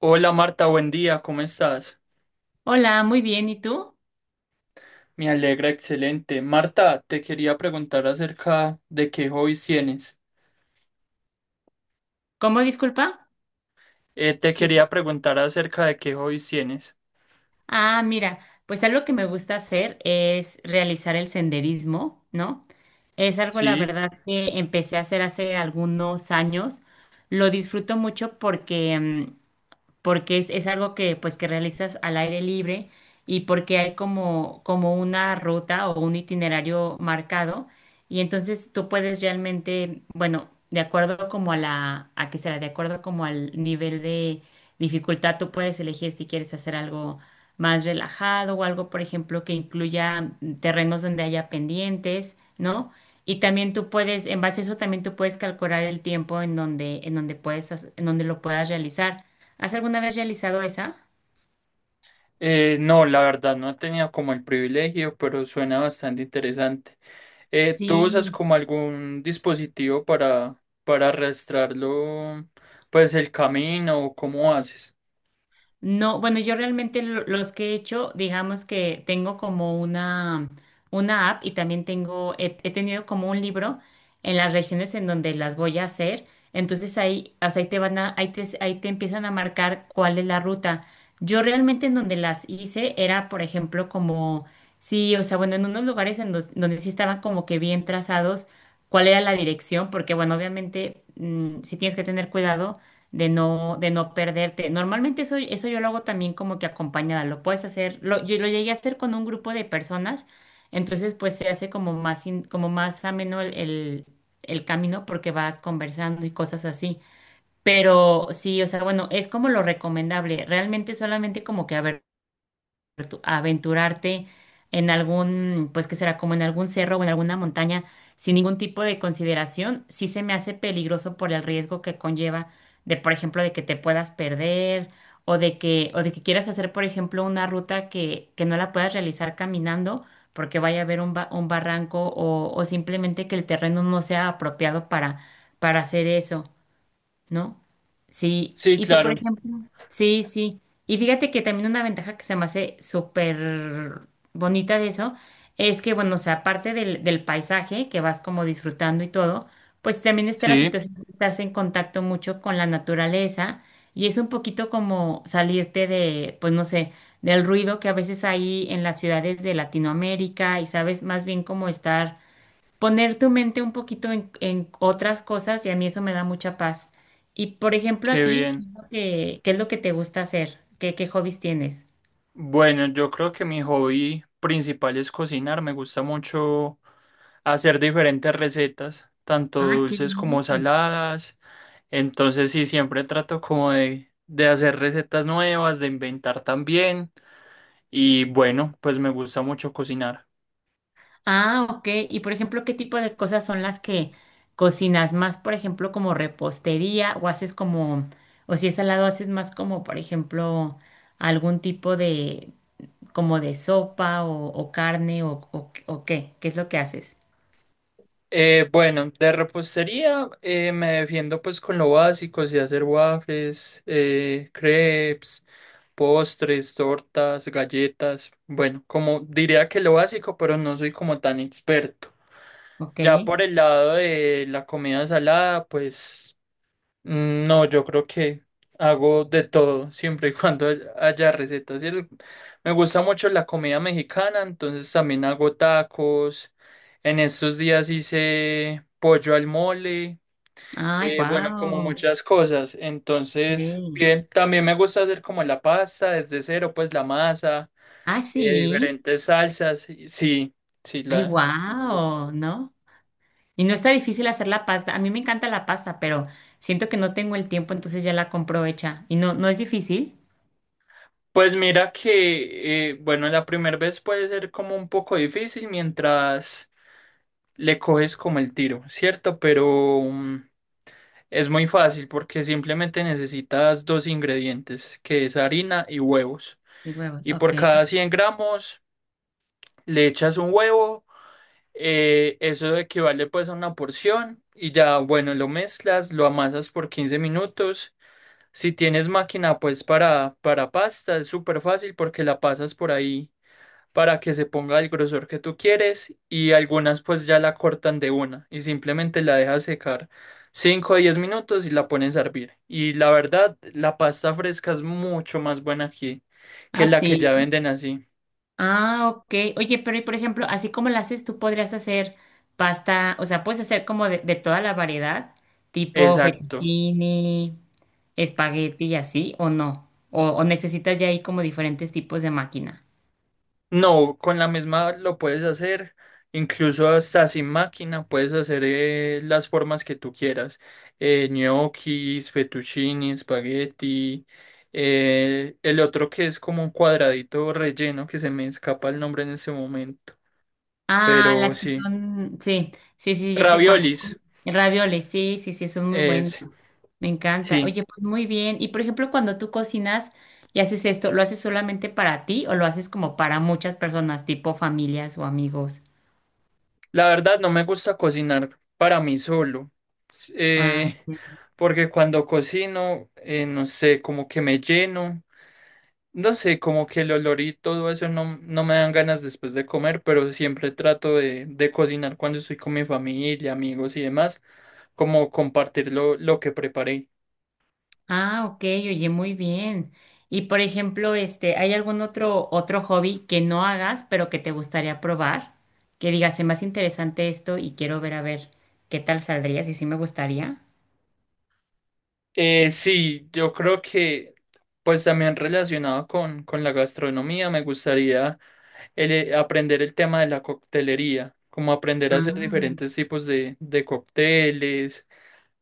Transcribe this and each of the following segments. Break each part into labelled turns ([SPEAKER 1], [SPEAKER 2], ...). [SPEAKER 1] Hola Marta, buen día, ¿cómo estás?
[SPEAKER 2] Hola, muy bien. ¿Y tú?
[SPEAKER 1] Me alegra, excelente. Marta, te quería preguntar acerca de qué hobbies tienes.
[SPEAKER 2] ¿Cómo disculpa?
[SPEAKER 1] Te
[SPEAKER 2] ¿Qué-
[SPEAKER 1] quería preguntar acerca de qué hobbies tienes.
[SPEAKER 2] Ah, mira, pues algo que me gusta hacer es realizar el senderismo, ¿no? Es algo, la
[SPEAKER 1] Sí.
[SPEAKER 2] verdad, que empecé a hacer hace algunos años. Lo disfruto mucho porque porque es algo que pues que realizas al aire libre y porque hay como una ruta o un itinerario marcado y entonces tú puedes realmente, bueno, de acuerdo como a qué será, de acuerdo como al nivel de dificultad, tú puedes elegir si quieres hacer algo más relajado o algo, por ejemplo, que incluya terrenos donde haya pendientes, ¿no? Y también tú puedes, en base a eso, también tú puedes calcular el tiempo en donde lo puedas realizar. ¿Has alguna vez realizado esa?
[SPEAKER 1] No, la verdad no he tenido como el privilegio, pero suena bastante interesante. ¿Tú usas
[SPEAKER 2] Sí.
[SPEAKER 1] como algún dispositivo para arrastrarlo, pues el camino o cómo haces?
[SPEAKER 2] No, bueno, yo realmente los que he hecho, digamos que tengo como una app y también he tenido como un libro en las regiones en donde las voy a hacer. Entonces ahí, o sea, ahí te empiezan a marcar cuál es la ruta. Yo realmente en donde las hice era, por ejemplo, como, sí, o sea, bueno, en unos lugares donde sí estaban como que bien trazados cuál era la dirección, porque bueno, obviamente si sí tienes que tener cuidado de no perderte. Normalmente eso yo lo hago también como que acompañada, lo puedes hacer, yo lo llegué a hacer con un grupo de personas, entonces pues se hace como más ameno el camino porque vas conversando y cosas así. Pero sí, o sea, bueno, es como lo recomendable, realmente solamente como que a ver aventurarte en algún, pues que será como en algún cerro o en alguna montaña sin ningún tipo de consideración, sí se me hace peligroso por el riesgo que conlleva de, por ejemplo, de que te puedas perder o de que quieras hacer, por ejemplo, una ruta que no la puedas realizar caminando porque vaya a haber un barranco o simplemente que el terreno no sea apropiado para hacer eso. ¿No? Sí,
[SPEAKER 1] Sí,
[SPEAKER 2] y tú, por
[SPEAKER 1] claro.
[SPEAKER 2] ejemplo, sí, sí. Y fíjate que también una ventaja que se me hace súper bonita de eso es que, bueno, o sea, aparte del paisaje que vas como disfrutando y todo, pues también está la
[SPEAKER 1] Sí,
[SPEAKER 2] situación que estás en contacto mucho con la naturaleza y es un poquito como salirte de, pues no sé, del ruido que a veces hay en las ciudades de Latinoamérica y sabes, más bien como estar poner tu mente un poquito en otras cosas y a mí eso me da mucha paz. Y por ejemplo, a
[SPEAKER 1] qué
[SPEAKER 2] ti,
[SPEAKER 1] bien.
[SPEAKER 2] ¿qué es lo que te gusta hacer? ¿Qué hobbies tienes?
[SPEAKER 1] Bueno, yo creo que mi hobby principal es cocinar. Me gusta mucho hacer diferentes recetas, tanto
[SPEAKER 2] Ah, qué
[SPEAKER 1] dulces
[SPEAKER 2] bien.
[SPEAKER 1] como saladas. Entonces sí, siempre trato como de hacer recetas nuevas, de inventar también. Y bueno, pues me gusta mucho cocinar.
[SPEAKER 2] Ah, ok. Y por ejemplo, ¿qué tipo de cosas son las que cocinas más, por ejemplo, como repostería o haces como, o si es salado, haces más como, por ejemplo, algún tipo de, como de sopa o carne o qué? ¿Qué es lo que haces?
[SPEAKER 1] Bueno, de repostería me defiendo pues con lo básico, sí, hacer waffles, crepes. Postres, tortas, galletas. Bueno, como diría que lo básico, pero no soy como tan experto.
[SPEAKER 2] Ok.
[SPEAKER 1] Ya por el lado de la comida salada, pues no, yo creo que hago de todo, siempre y cuando haya recetas. Me gusta mucho la comida mexicana, entonces también hago tacos. En estos días hice pollo al mole.
[SPEAKER 2] Ay,
[SPEAKER 1] Bueno, como
[SPEAKER 2] wow.
[SPEAKER 1] muchas cosas. Entonces, bien, también me gusta hacer como la pasta desde cero, pues la masa,
[SPEAKER 2] Ah, sí.
[SPEAKER 1] diferentes salsas. Sí, sí,
[SPEAKER 2] Ay,
[SPEAKER 1] sí me gusta.
[SPEAKER 2] wow, ¿no? Y no está difícil hacer la pasta. A mí me encanta la pasta, pero siento que no tengo el tiempo, entonces ya la compro hecha. Y no, no es difícil.
[SPEAKER 1] Pues mira que, bueno, la primera vez puede ser como un poco difícil mientras le coges como el tiro, ¿cierto? Pero es muy fácil porque simplemente necesitas dos ingredientes, que es harina y huevos.
[SPEAKER 2] Y huevo,
[SPEAKER 1] Y por
[SPEAKER 2] ok.
[SPEAKER 1] cada 100 gramos le echas un huevo. Eso equivale pues a una porción y ya, bueno, lo mezclas, lo amasas por 15 minutos. Si tienes máquina pues para pasta es súper fácil porque la pasas por ahí para que se ponga el grosor que tú quieres y algunas pues ya la cortan de una y simplemente la dejas secar 5 o 10 minutos y la pones a hervir. Y la verdad, la pasta fresca es mucho más buena aquí que
[SPEAKER 2] Ah,
[SPEAKER 1] la que ya
[SPEAKER 2] sí.
[SPEAKER 1] venden así.
[SPEAKER 2] Ah, ok. Oye, pero y por ejemplo, así como la haces, tú podrías hacer pasta, o sea, puedes hacer como de toda la variedad, tipo
[SPEAKER 1] Exacto.
[SPEAKER 2] fettuccini, espagueti y así, o no. O necesitas ya ahí como diferentes tipos de máquina.
[SPEAKER 1] No, con la misma lo puedes hacer, incluso hasta sin máquina puedes hacer las formas que tú quieras, gnocchis, fettuccini, espagueti, el otro que es como un cuadradito relleno que se me escapa el nombre en ese momento,
[SPEAKER 2] Ah,
[SPEAKER 1] pero
[SPEAKER 2] las que
[SPEAKER 1] sí,
[SPEAKER 2] son, sí, sí, sí, ya sé cuál.
[SPEAKER 1] raviolis,
[SPEAKER 2] Ravioles, sí, sí, sí, son muy buenos.
[SPEAKER 1] ese,
[SPEAKER 2] Me encanta.
[SPEAKER 1] sí,
[SPEAKER 2] Oye, pues muy bien. Y por ejemplo, cuando tú cocinas y haces esto, ¿lo haces solamente para ti o lo haces como para muchas personas, tipo familias o amigos?
[SPEAKER 1] la verdad no me gusta cocinar para mí solo, s-
[SPEAKER 2] Ah,
[SPEAKER 1] eh,
[SPEAKER 2] ok.
[SPEAKER 1] porque cuando cocino, no sé, como que me lleno. No sé, como que el olor y todo eso no, no me dan ganas después de comer, pero siempre trato de cocinar cuando estoy con mi familia, amigos y demás, como compartir lo que preparé.
[SPEAKER 2] Ah, ok, oye, muy bien. Y por ejemplo, este, ¿hay algún otro hobby que no hagas, pero que te gustaría probar? Que digas, es más interesante esto y quiero ver a ver qué tal saldría, si sí me gustaría.
[SPEAKER 1] Sí, yo creo que pues también relacionado con la gastronomía, me gustaría aprender el tema de la coctelería, como aprender a hacer
[SPEAKER 2] Ah.
[SPEAKER 1] diferentes tipos de cócteles,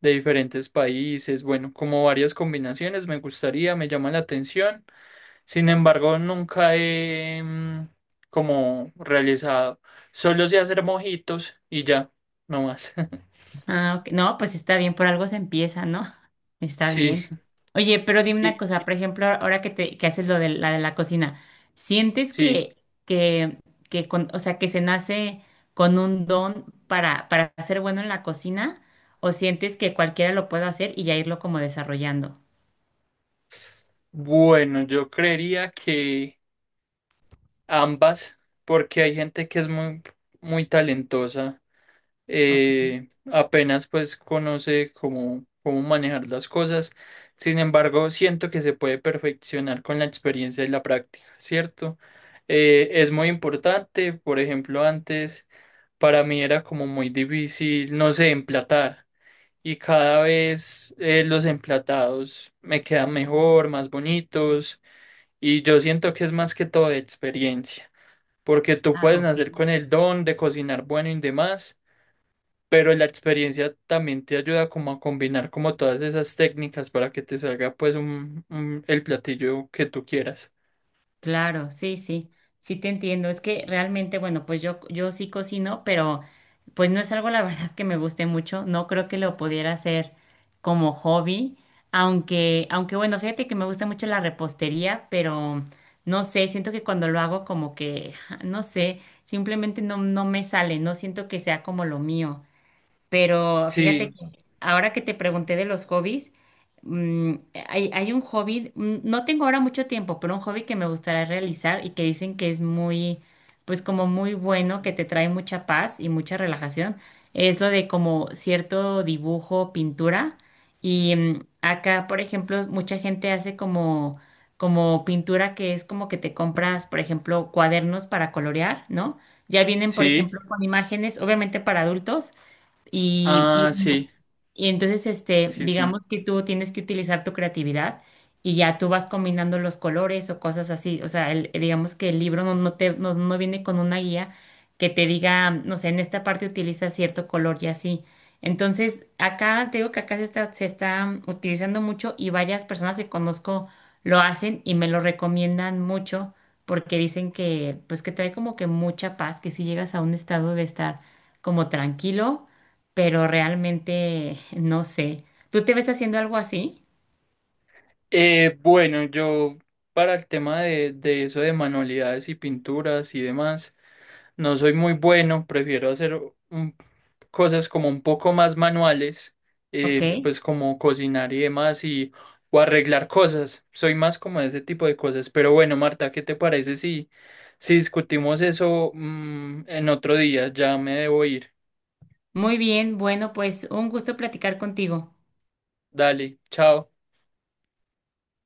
[SPEAKER 1] de diferentes países, bueno, como varias combinaciones me gustaría, me llama la atención. Sin embargo, nunca como realizado. Solo sé hacer mojitos y ya, no más.
[SPEAKER 2] Ah, ok. No, pues está bien, por algo se empieza, ¿no? Está
[SPEAKER 1] Sí,
[SPEAKER 2] bien. Oye, pero dime una
[SPEAKER 1] y
[SPEAKER 2] cosa, por ejemplo, ahora que haces lo de la cocina, ¿sientes
[SPEAKER 1] sí.
[SPEAKER 2] que, que con, o sea, que se nace con un don para ser bueno en la cocina? ¿O sientes que cualquiera lo puede hacer y ya irlo como desarrollando?
[SPEAKER 1] Bueno, yo creería que ambas, porque hay gente que es muy, muy talentosa.
[SPEAKER 2] Ok.
[SPEAKER 1] Apenas pues conoce cómo, cómo manejar las cosas. Sin embargo, siento que se puede perfeccionar con la experiencia y la práctica, ¿cierto? Es muy importante, por ejemplo, antes. Para mí era como muy difícil, no sé, emplatar. Y cada vez los emplatados me quedan mejor, más bonitos. Y yo siento que es más que todo de experiencia, porque tú
[SPEAKER 2] Ah,
[SPEAKER 1] puedes
[SPEAKER 2] ok.
[SPEAKER 1] nacer con el don de cocinar bueno y demás, pero la experiencia también te ayuda como a combinar como todas esas técnicas para que te salga pues el platillo que tú quieras.
[SPEAKER 2] Claro, sí, sí, sí te entiendo. Es que realmente, bueno, pues yo sí cocino, pero pues no es algo la verdad que me guste mucho. No creo que lo pudiera hacer como hobby, aunque bueno, fíjate que me gusta mucho la repostería, pero no sé, siento que cuando lo hago como que, no sé, simplemente no, no me sale, no siento que sea como lo mío. Pero
[SPEAKER 1] Sí,
[SPEAKER 2] fíjate que ahora que te pregunté de los hobbies, mm, hay un hobby, no tengo ahora mucho tiempo, pero un hobby que me gustaría realizar y que dicen que es muy, pues como muy bueno, que te trae mucha paz y mucha relajación, es lo de como cierto dibujo, pintura. Y acá, por ejemplo, mucha gente hace como pintura que es como que te compras, por ejemplo, cuadernos para colorear, ¿no? Ya vienen, por
[SPEAKER 1] sí,
[SPEAKER 2] ejemplo, con imágenes, obviamente para adultos y
[SPEAKER 1] ah,
[SPEAKER 2] bueno,
[SPEAKER 1] sí,
[SPEAKER 2] y entonces, este,
[SPEAKER 1] sí, sí.
[SPEAKER 2] digamos que tú tienes que utilizar tu creatividad y ya tú vas combinando los colores o cosas así. O sea, digamos que el libro no, no te, no, no viene con una guía que te diga, no sé, en esta parte utiliza cierto color y así. Entonces, acá te digo que acá se está utilizando mucho y varias personas que conozco lo hacen y me lo recomiendan mucho porque dicen que, pues que trae como que mucha paz, que si llegas a un estado de estar como tranquilo pero realmente no sé. ¿Tú te ves haciendo algo así?
[SPEAKER 1] Bueno, yo para el tema de eso de manualidades y pinturas y demás, no soy muy bueno, prefiero hacer un- cosas como un poco más manuales,
[SPEAKER 2] Ok.
[SPEAKER 1] pues como cocinar y demás y o arreglar cosas, soy más como de ese tipo de cosas, pero bueno, Marta, ¿qué te parece si, si discutimos eso, en otro día? Ya me debo ir,
[SPEAKER 2] Muy bien, bueno, pues un gusto platicar contigo.
[SPEAKER 1] dale, chao.